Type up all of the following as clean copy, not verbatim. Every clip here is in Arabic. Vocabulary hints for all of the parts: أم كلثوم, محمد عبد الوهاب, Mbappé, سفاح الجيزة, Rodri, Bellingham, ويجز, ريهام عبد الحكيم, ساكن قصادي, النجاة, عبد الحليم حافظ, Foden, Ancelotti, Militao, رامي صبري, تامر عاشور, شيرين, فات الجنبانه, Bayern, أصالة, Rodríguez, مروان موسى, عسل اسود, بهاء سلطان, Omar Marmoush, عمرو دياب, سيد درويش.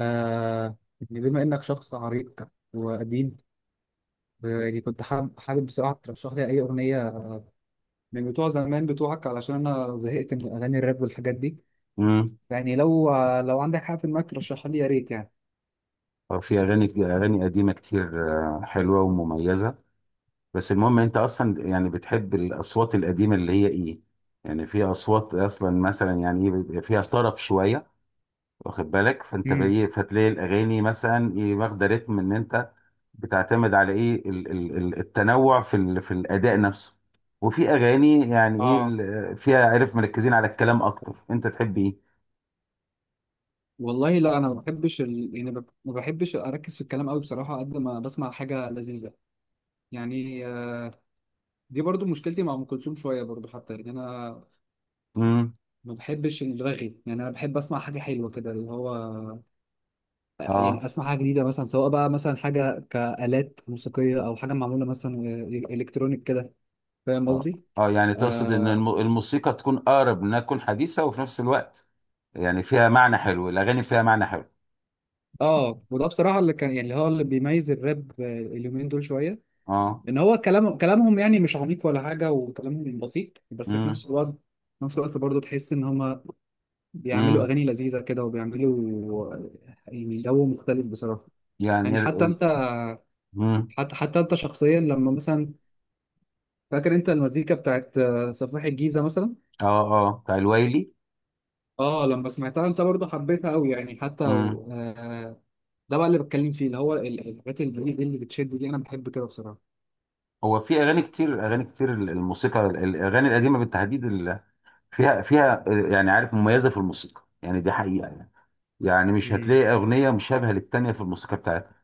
يعني بما إنك شخص عريق وقديم. يعني كنت حابب بصراحة ترشح لي أي أغنية من بتوع زمان بتوعك، علشان أنا زهقت من أغاني الراب والحاجات دي. امم يعني لو لو عندك حاجة في دماغك ترشحها لي يا ريت يعني. في اغاني قديمه كتير، حلوه ومميزه. بس المهم انت اصلا يعني بتحب الاصوات القديمه اللي هي ايه؟ يعني في اصوات اصلا مثلا يعني ايه بيبقى فيها طرب شويه، واخد بالك؟ فانت امم. بايه فتلاقي الاغاني مثلا ايه واخده رتم، ان انت بتعتمد على ايه التنوع في في الاداء نفسه، وفي اغاني يعني ايه اه. فيها عارف مركزين على الكلام اكتر، انت تحب ايه؟ والله لا، انا ما بحبش يعني ما بحبش اركز في الكلام قوي بصراحه قد ما بسمع حاجه لذيذه. يعني دي برضو مشكلتي مع ام كلثوم شويه برضو، حتى يعني انا امم. ما بحبش الرغي. يعني انا بحب اسمع حاجه حلوه كده، اللي هو يعني اه اسمع حاجه جديده مثلا، سواء بقى مثلا حاجه كآلات موسيقيه او حاجه معموله مثلا إيه، إيه، الكترونيك كده. فاهم اه قصدي؟ اه. يعني تقصد ان اه. الموسيقى تكون اقرب انها تكون حديثه وفي نفس الوقت، يعني فيها معنى حلو، الاغاني فيها معنى حلو. اه. وده بصراحه اللي كان يعني اللي هو اللي بيميز الراب اليومين دول شويه، اه. ان هو كلامهم يعني مش عميق ولا حاجه، وكلامهم بسيط، بس في امم نفس الوقت، في نفس الوقت برضه تحس ان هم بيعملوا امم. اغاني لذيذه كده، وبيعملوا يعني جو مختلف بصراحه. يعني يعني حتى انت، امم. حتى انت شخصيا لما مثلا، فاكر انت المزيكا بتاعت سفاح الجيزه مثلا؟ اه اه بتاع الويلي. اه. لما سمعتها انت برضه حبيتها قوي يعني، حتى امم. و... آه ده بقى اللي بتكلم فيه، اللي هو الحاجات الجديدة اللي بتشد دي، انا بحب كده بصراحة. هو في اغاني كتير الموسيقى الاغاني القديمه بالتحديد، فيها يعني عارف مميزه في الموسيقى، يعني دي حقيقه يعني. يعني مش امم. هتلاقي اغنيه مشابهه للتانيه في الموسيقى بتاعتها.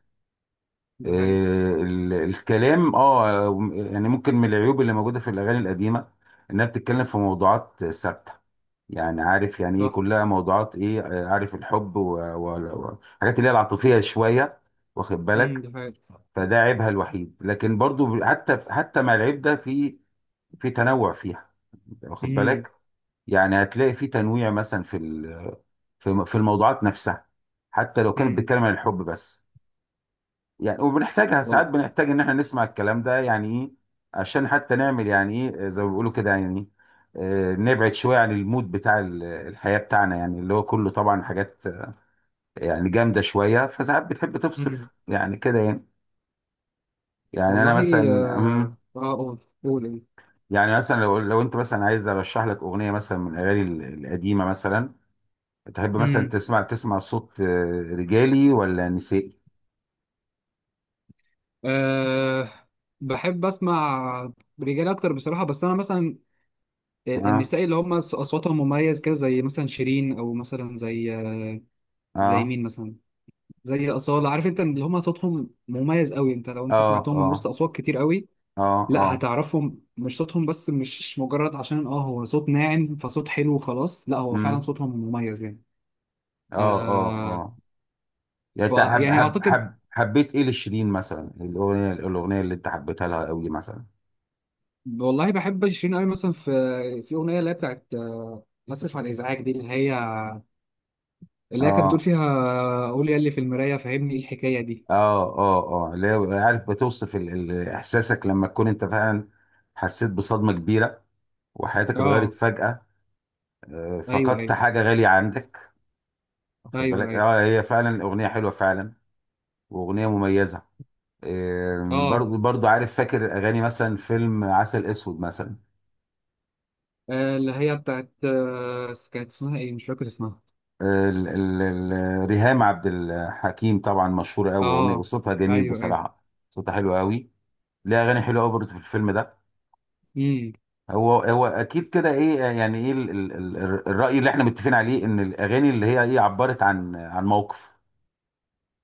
دي حقيقة. الكلام اه يعني ممكن من العيوب اللي موجوده في الاغاني القديمه انها بتتكلم في موضوعات ثابته، يعني عارف يعني ايه صح. كلها موضوعات ايه، عارف الحب والحاجات اللي هي العاطفيه شويه، واخد امم. بالك؟ دي حقيقة. فده عيبها الوحيد، لكن برضو حتى مع العيب ده في تنوع فيها، واخد امم. بالك؟ يعني هتلاقي في تنويع مثلا في في الموضوعات نفسها، حتى لو كانت امم. بتتكلم عن الحب بس. يعني وبنحتاجها وال... ساعات، بنحتاج ان احنا نسمع الكلام ده يعني ايه، عشان حتى نعمل يعني ايه زي ما بيقولوا كده يعني، إيه، نبعد شويه عن المود بتاع الحياه بتاعنا، يعني اللي هو كله طبعا حاجات يعني جامده شويه، فساعات بتحب تفصل امم. يعني كده يعني. يعني انا مثلا، والله. أمم، اه. قول. قول إيه. يعني مثلا لو انت مثلا عايز ارشح لك اغنيه مثلا من الاغاني القديمه، مثلا تحب مثلا امم. تسمع صوت رجالي ولا نسائي؟ أه. بحب اسمع رجال اكتر بصراحه، بس انا مثلا اه النساء اللي هم اصواتهم مميز كده، زي مثلا شيرين، او مثلا زي زي اه مين مثلا، زي اصاله. عارف انت اللي هم صوتهم مميز قوي، انت لو اه سمعتهم اه من وسط اصوات كتير قوي اه لا اه. هتعرفهم. مش صوتهم بس، مش مجرد عشان اه هو صوت ناعم فصوت حلو وخلاص، لا هو فعلا امم. صوتهم مميز يعني. اه اه آه. اه. يعني ف انت حب يعني حب اعتقد، حب حبيت ايه لشيرين مثلا، الاغنيه اللي انت حبيتها لها قوي مثلا؟ والله بحب شيرين قوي مثلا في اغنيه اللي هي بتاعت اسف على الازعاج دي، اللي هي كانت بتقول اه فيها قول يا اللي في المرايه فهمني ايه الحكايه دي. اه اه. اللي هي عارف بتوصف احساسك لما تكون انت فعلا حسيت بصدمه كبيره، وحياتك اتغيرت اه. فجاه، ايوه، فقدت ايوه، حاجه غاليه عندك، واخد ايوه، بالك؟ ايوه. اه هي فعلا اغنيه حلوه فعلا، واغنيه مميزه. اه. برضو عارف فاكر اغاني مثلا فيلم عسل اسود مثلا، اللي هي بتاعت كانت اسمها ايه، مش فاكر اسمها. ريهام عبد الحكيم طبعا مشهورة قوي اه. وصوتها جميل ايوه، ايوه. بصراحة. صوتها حلو قوي، ليها أغاني حلوة قوي برضه في الفيلم ده. امم. هو أكيد كده إيه يعني إيه الرأي اللي إحنا متفقين عليه إن الأغاني اللي هي إيه عبرت عن موقف،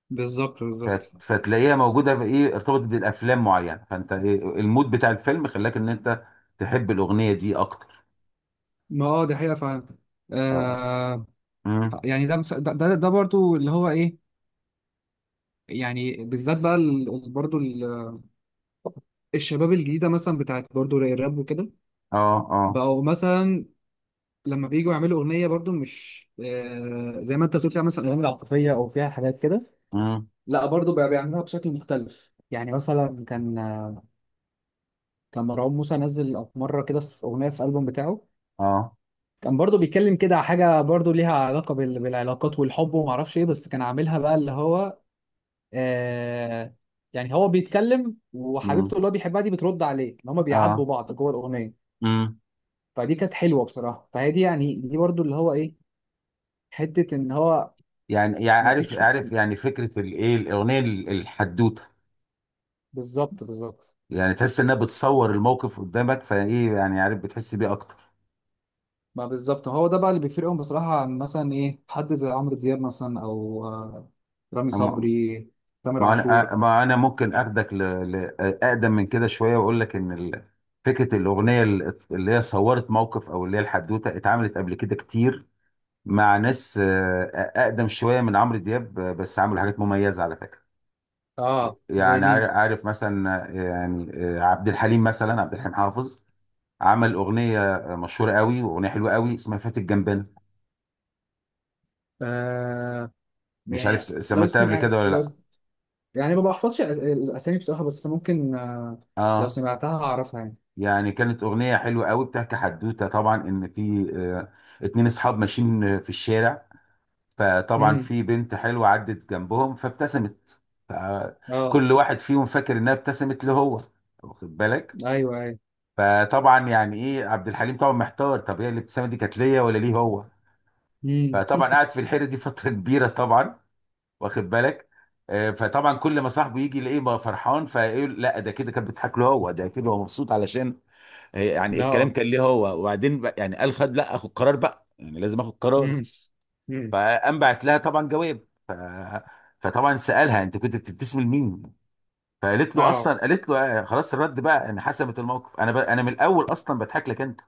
بالظبط، بالظبط. فتلاقيها موجودة في إيه، ارتبطت بالأفلام معينة، فأنت إيه المود بتاع الفيلم خلاك إن أنت تحب الأغنية دي أكتر. ما اه، دي حقيقة فعلا. آه. آه. أمم. يعني ده مس- ده ده ده برضو اللي هو ايه، يعني بالذات بقى برضو الشباب الجديدة مثلا بتاعت برضو الراب وكده، آه آه. بقوا مثلا لما بييجوا يعملوا أغنية برضو مش آه زي ما انت بتقول، فيها مثلا أغاني عاطفية أو فيها حاجات كده. أمم. لا برضو بقى بيعملوها بشكل مختلف. يعني مثلا كان، مروان موسى نزل مرة كده في أغنية في ألبوم بتاعه، آه. كان برضو بيتكلم كده على حاجة برضو ليها علاقة بالعلاقات والحب وما اعرفش ايه، بس كان عاملها بقى اللي هو آه، يعني هو بيتكلم، وحبيبته أمم. اللي هو بيحبها دي بترد عليه، ان هما بيعاتبوا آه. بعض جوه الأغنية. مم. فدي كانت حلوة بصراحة. فهي دي يعني دي برضو اللي هو ايه، حتة ان هو يعني ما عارف فيش. يعني فكرة الايه الأغنية الحدوتة، بالظبط، بالظبط. يعني تحس إنها بتصور الموقف قدامك فايه يعني عارف بتحس بيه أكتر. ما بالظبط، هو ده بقى اللي بيفرقهم بصراحة عن مثلا ايه، حد زي عمرو دياب مثلا او رامي أما- صبري، تامر ما أنا عاشور. ما أنا ممكن أخدك ل... أقدم من كده شوية، وأقول لك إن فكرة الأغنية اللي هي صورت موقف، أو اللي هي الحدوتة اتعملت قبل كده كتير مع ناس أقدم شوية من عمرو دياب، بس عملوا حاجات مميزة على فكرة. اه. زي يعني مين؟ عارف مثلا، عبد الحليم مثلا، عبد الحليم حافظ عمل اغنيه مشهوره قوي واغنيه حلوه قوي، اسمها فات الجنبانه. مش عارف يعني لو سمعتها قبل سمعت كده ولا لو لا؟ يعني ما بحفظش الاسامي بصراحه، بس ممكن لو اه، سمعتها هعرفها يعني. يعني كانت اغنيه حلوه قوي، بتحكي حدوته طبعا ان في اتنين اصحاب ماشيين في الشارع، فطبعا امم. في بنت حلوه عدت جنبهم فابتسمت، اه. فكل واحد فيهم فاكر انها ابتسمت له هو، واخد بالك؟ ايوه، ايوه. فطبعا يعني ايه عبد الحليم طبعا محتار، طب هي الابتسامه دي كانت ليا ولا ليه هو؟ امم. فطبعا قعد في الحيره دي فتره كبيره طبعا، واخد بالك؟ فطبعا كل ما صاحبه يجي يلاقيه بقى فرحان فيقول لا ده كده كان بيضحك له هو، ده كده هو مبسوط علشان يعني الكلام لا. كان ليه هو. وبعدين بقى يعني قال خد، لا اخد قرار بقى، يعني لازم اخد قرار. امم. امم. فقام بعت لها طبعا جواب، فطبعا سالها انت كنت بتبتسم لمين؟ فقالت له اه. اصلا، قالت له خلاص الرد بقى ان حسمت الموقف، انا من الاول اصلا بضحك لك انت.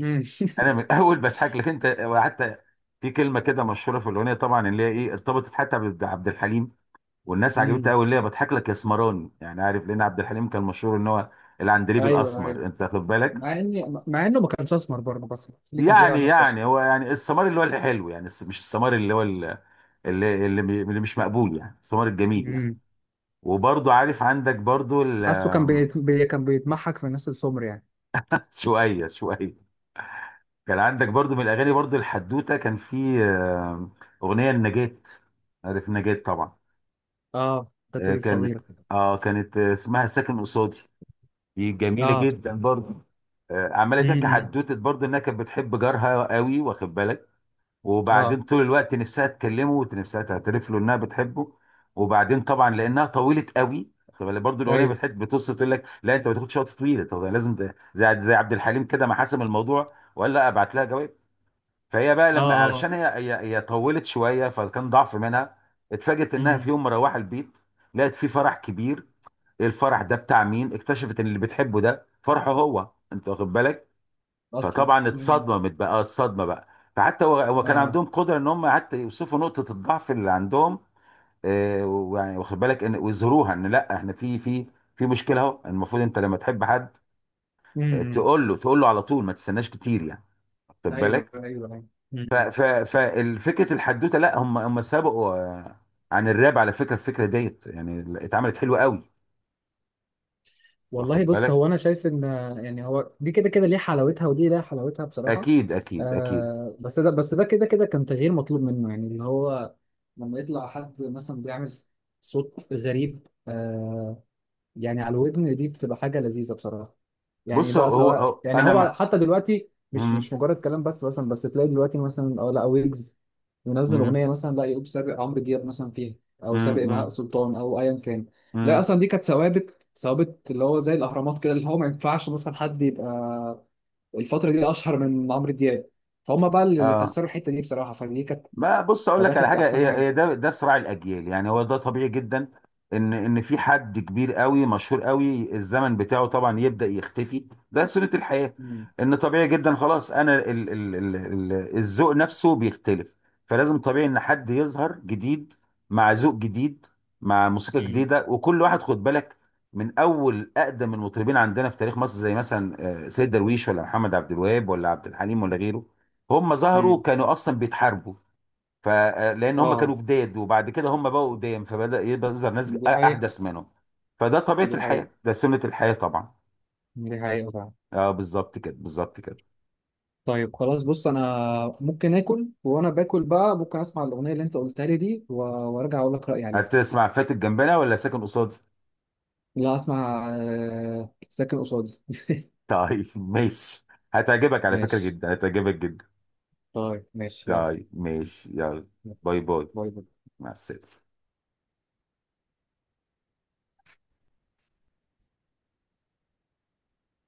امم. انا من الاول بضحك لك انت. وحتى في كلمه كده مشهوره في الاغنيه طبعا، اللي هي ايه ارتبطت حتى بعبد الحليم، والناس عجبتها امم. قوي، اللي هي بضحك لك يا اسمراني. يعني عارف، لان عبد الحليم كان مشهور ان هو العندليب ايوه، ايوه. الاسمر، انت واخد بالك؟ مع اني، مع انه ما كانش اسمر برضه، بس اللي كان بيقول على يعني نفسه اسمر. هو يعني السمار اللي هو الحلو، يعني مش السمار اللي هو اللي مش مقبول، يعني السمار الجميل يعني. امم. وبرضو عارف عندك برضو حاسه كان كان بيتمحك في الناس السمر يعني. شوية شوية. كان عندك برضو من الاغاني برضو الحدوتة، كان في اغنية النجاة، عارف النجاة طبعا. اه كانت كانت، الصغيره. اه كانت، اسمها ساكن قصادي. دي جميلة اه. جدا برضو. عماله تحكي امم. حدوته برضه انها كانت بتحب جارها قوي، واخد بالك؟ اه. وبعدين طول الوقت نفسها تكلمه ونفسها تعترف له انها بتحبه. وبعدين طبعا لانها طويله قوي، واخد بالك برضه، الاغنيه ايوه. بتحب بتوصف تقول لك لا انت ما تاخدش وقت طويل، طب ده لازم ده زي عبد الحليم كده ما حسم الموضوع وقال لا ابعت لها جواب. فهي بقى اه. لما، اه. علشان هي طولت شويه فكان ضعف منها. اتفاجئت انها في امم. يوم مروحه البيت، لقت في فرح كبير، الفرح ده بتاع مين؟ اكتشفت ان اللي بتحبه ده فرحه هو، انت واخد بالك؟ اصلا. فطبعا امم. اتصدمت بقى، الصدمه بقى. فحتى هو كان اه. عندهم قدره ان هم حتى يوصفوا نقطه الضعف اللي عندهم، آه، ويعني واخد بالك؟ ان ويظهروها، ان لا احنا في في مشكله، اهو المفروض انت لما تحب حد، امم. تقول له على طول، ما تستناش كتير يعني، واخد ايوه، بالك؟ ايوه، ايوه. مم. ففكره الحدوته، لا هم سبقوا عن الراب على فكره، الفكره ديت يعني اتعملت حلوه قوي، والله واخد بص، بالك؟ هو انا شايف ان يعني هو دي كده كده ليه حلاوتها، ودي ليها حلاوتها بصراحه. اكيد اكيد اكيد. آه. بس ده، كده كده كان تغيير مطلوب منه، يعني اللي هو لما يطلع حد مثلا بيعمل صوت غريب آه، يعني على الودن دي بتبقى حاجة لذيذة بصراحة. يعني بص بقى هو هو سواء هو يعني، انا هو مع، حتى دلوقتي مش، مم، مجرد كلام بس، مثلا بس تلاقي دلوقتي مثلا اه لا، ويجز ينزل مم، أغنية مثلا لا يقوم سابق عمرو دياب مثلا فيها، أو مم، سابق بهاء مم، سلطان أو أيا كان. لا مم. أصلا دي كانت ثوابت، ثوابت اللي هو زي الأهرامات كده، اللي هو ما ينفعش مثلا حد يبقى الفترة دي أشهر من عمرو دياب. فهم بقى اللي اه، كسروا الحتة دي بصراحة. فدي كانت، ما بص اقول فده لك على كانت حاجه، أحسن هي حاجة. هي ده صراع الاجيال يعني، هو ده طبيعي جدا. ان في حد كبير قوي مشهور قوي الزمن بتاعه طبعا يبدا يختفي، ده سنه الحياه. مم. ان طبيعي جدا خلاص، انا ال ال ال ال الذوق نفسه بيختلف، فلازم طبيعي ان حد يظهر جديد، مع ذوق جديد، مع موسيقى امم. جديده. وكل واحد خد بالك من اول اقدم المطربين عندنا في تاريخ مصر، زي مثلا سيد درويش، ولا محمد عبد الوهاب، ولا عبد الحليم، ولا غيره، هم ظهروا امم. كانوا اصلا بيتحاربوا، فلان هم اه كانوا جداد، وبعد كده هم بقوا قدام فبدأ يبقى يظهر ناس دي حقيقة، احدث منهم، فده طبيعة دي حقيقة، الحياة، ده سنة الحياة طبعا. دي حقيقة. اه بالظبط كده بالظبط كده. طيب خلاص، بص انا ممكن اكل، وانا باكل بقى ممكن اسمع الاغنيه اللي انت قلتها لي دي، وارجع اقول لك رايي عليها. هتسمع فاتت جنبنا ولا ساكن قصادي؟ لا اسمع ساكن قصادي. طيب ماشي. هتعجبك على فكرة ماشي. جدا، هتعجبك جدا. طيب، ماشي، يلا. طيب ماشي يلا. باي باي. باي باي. مع السلامة.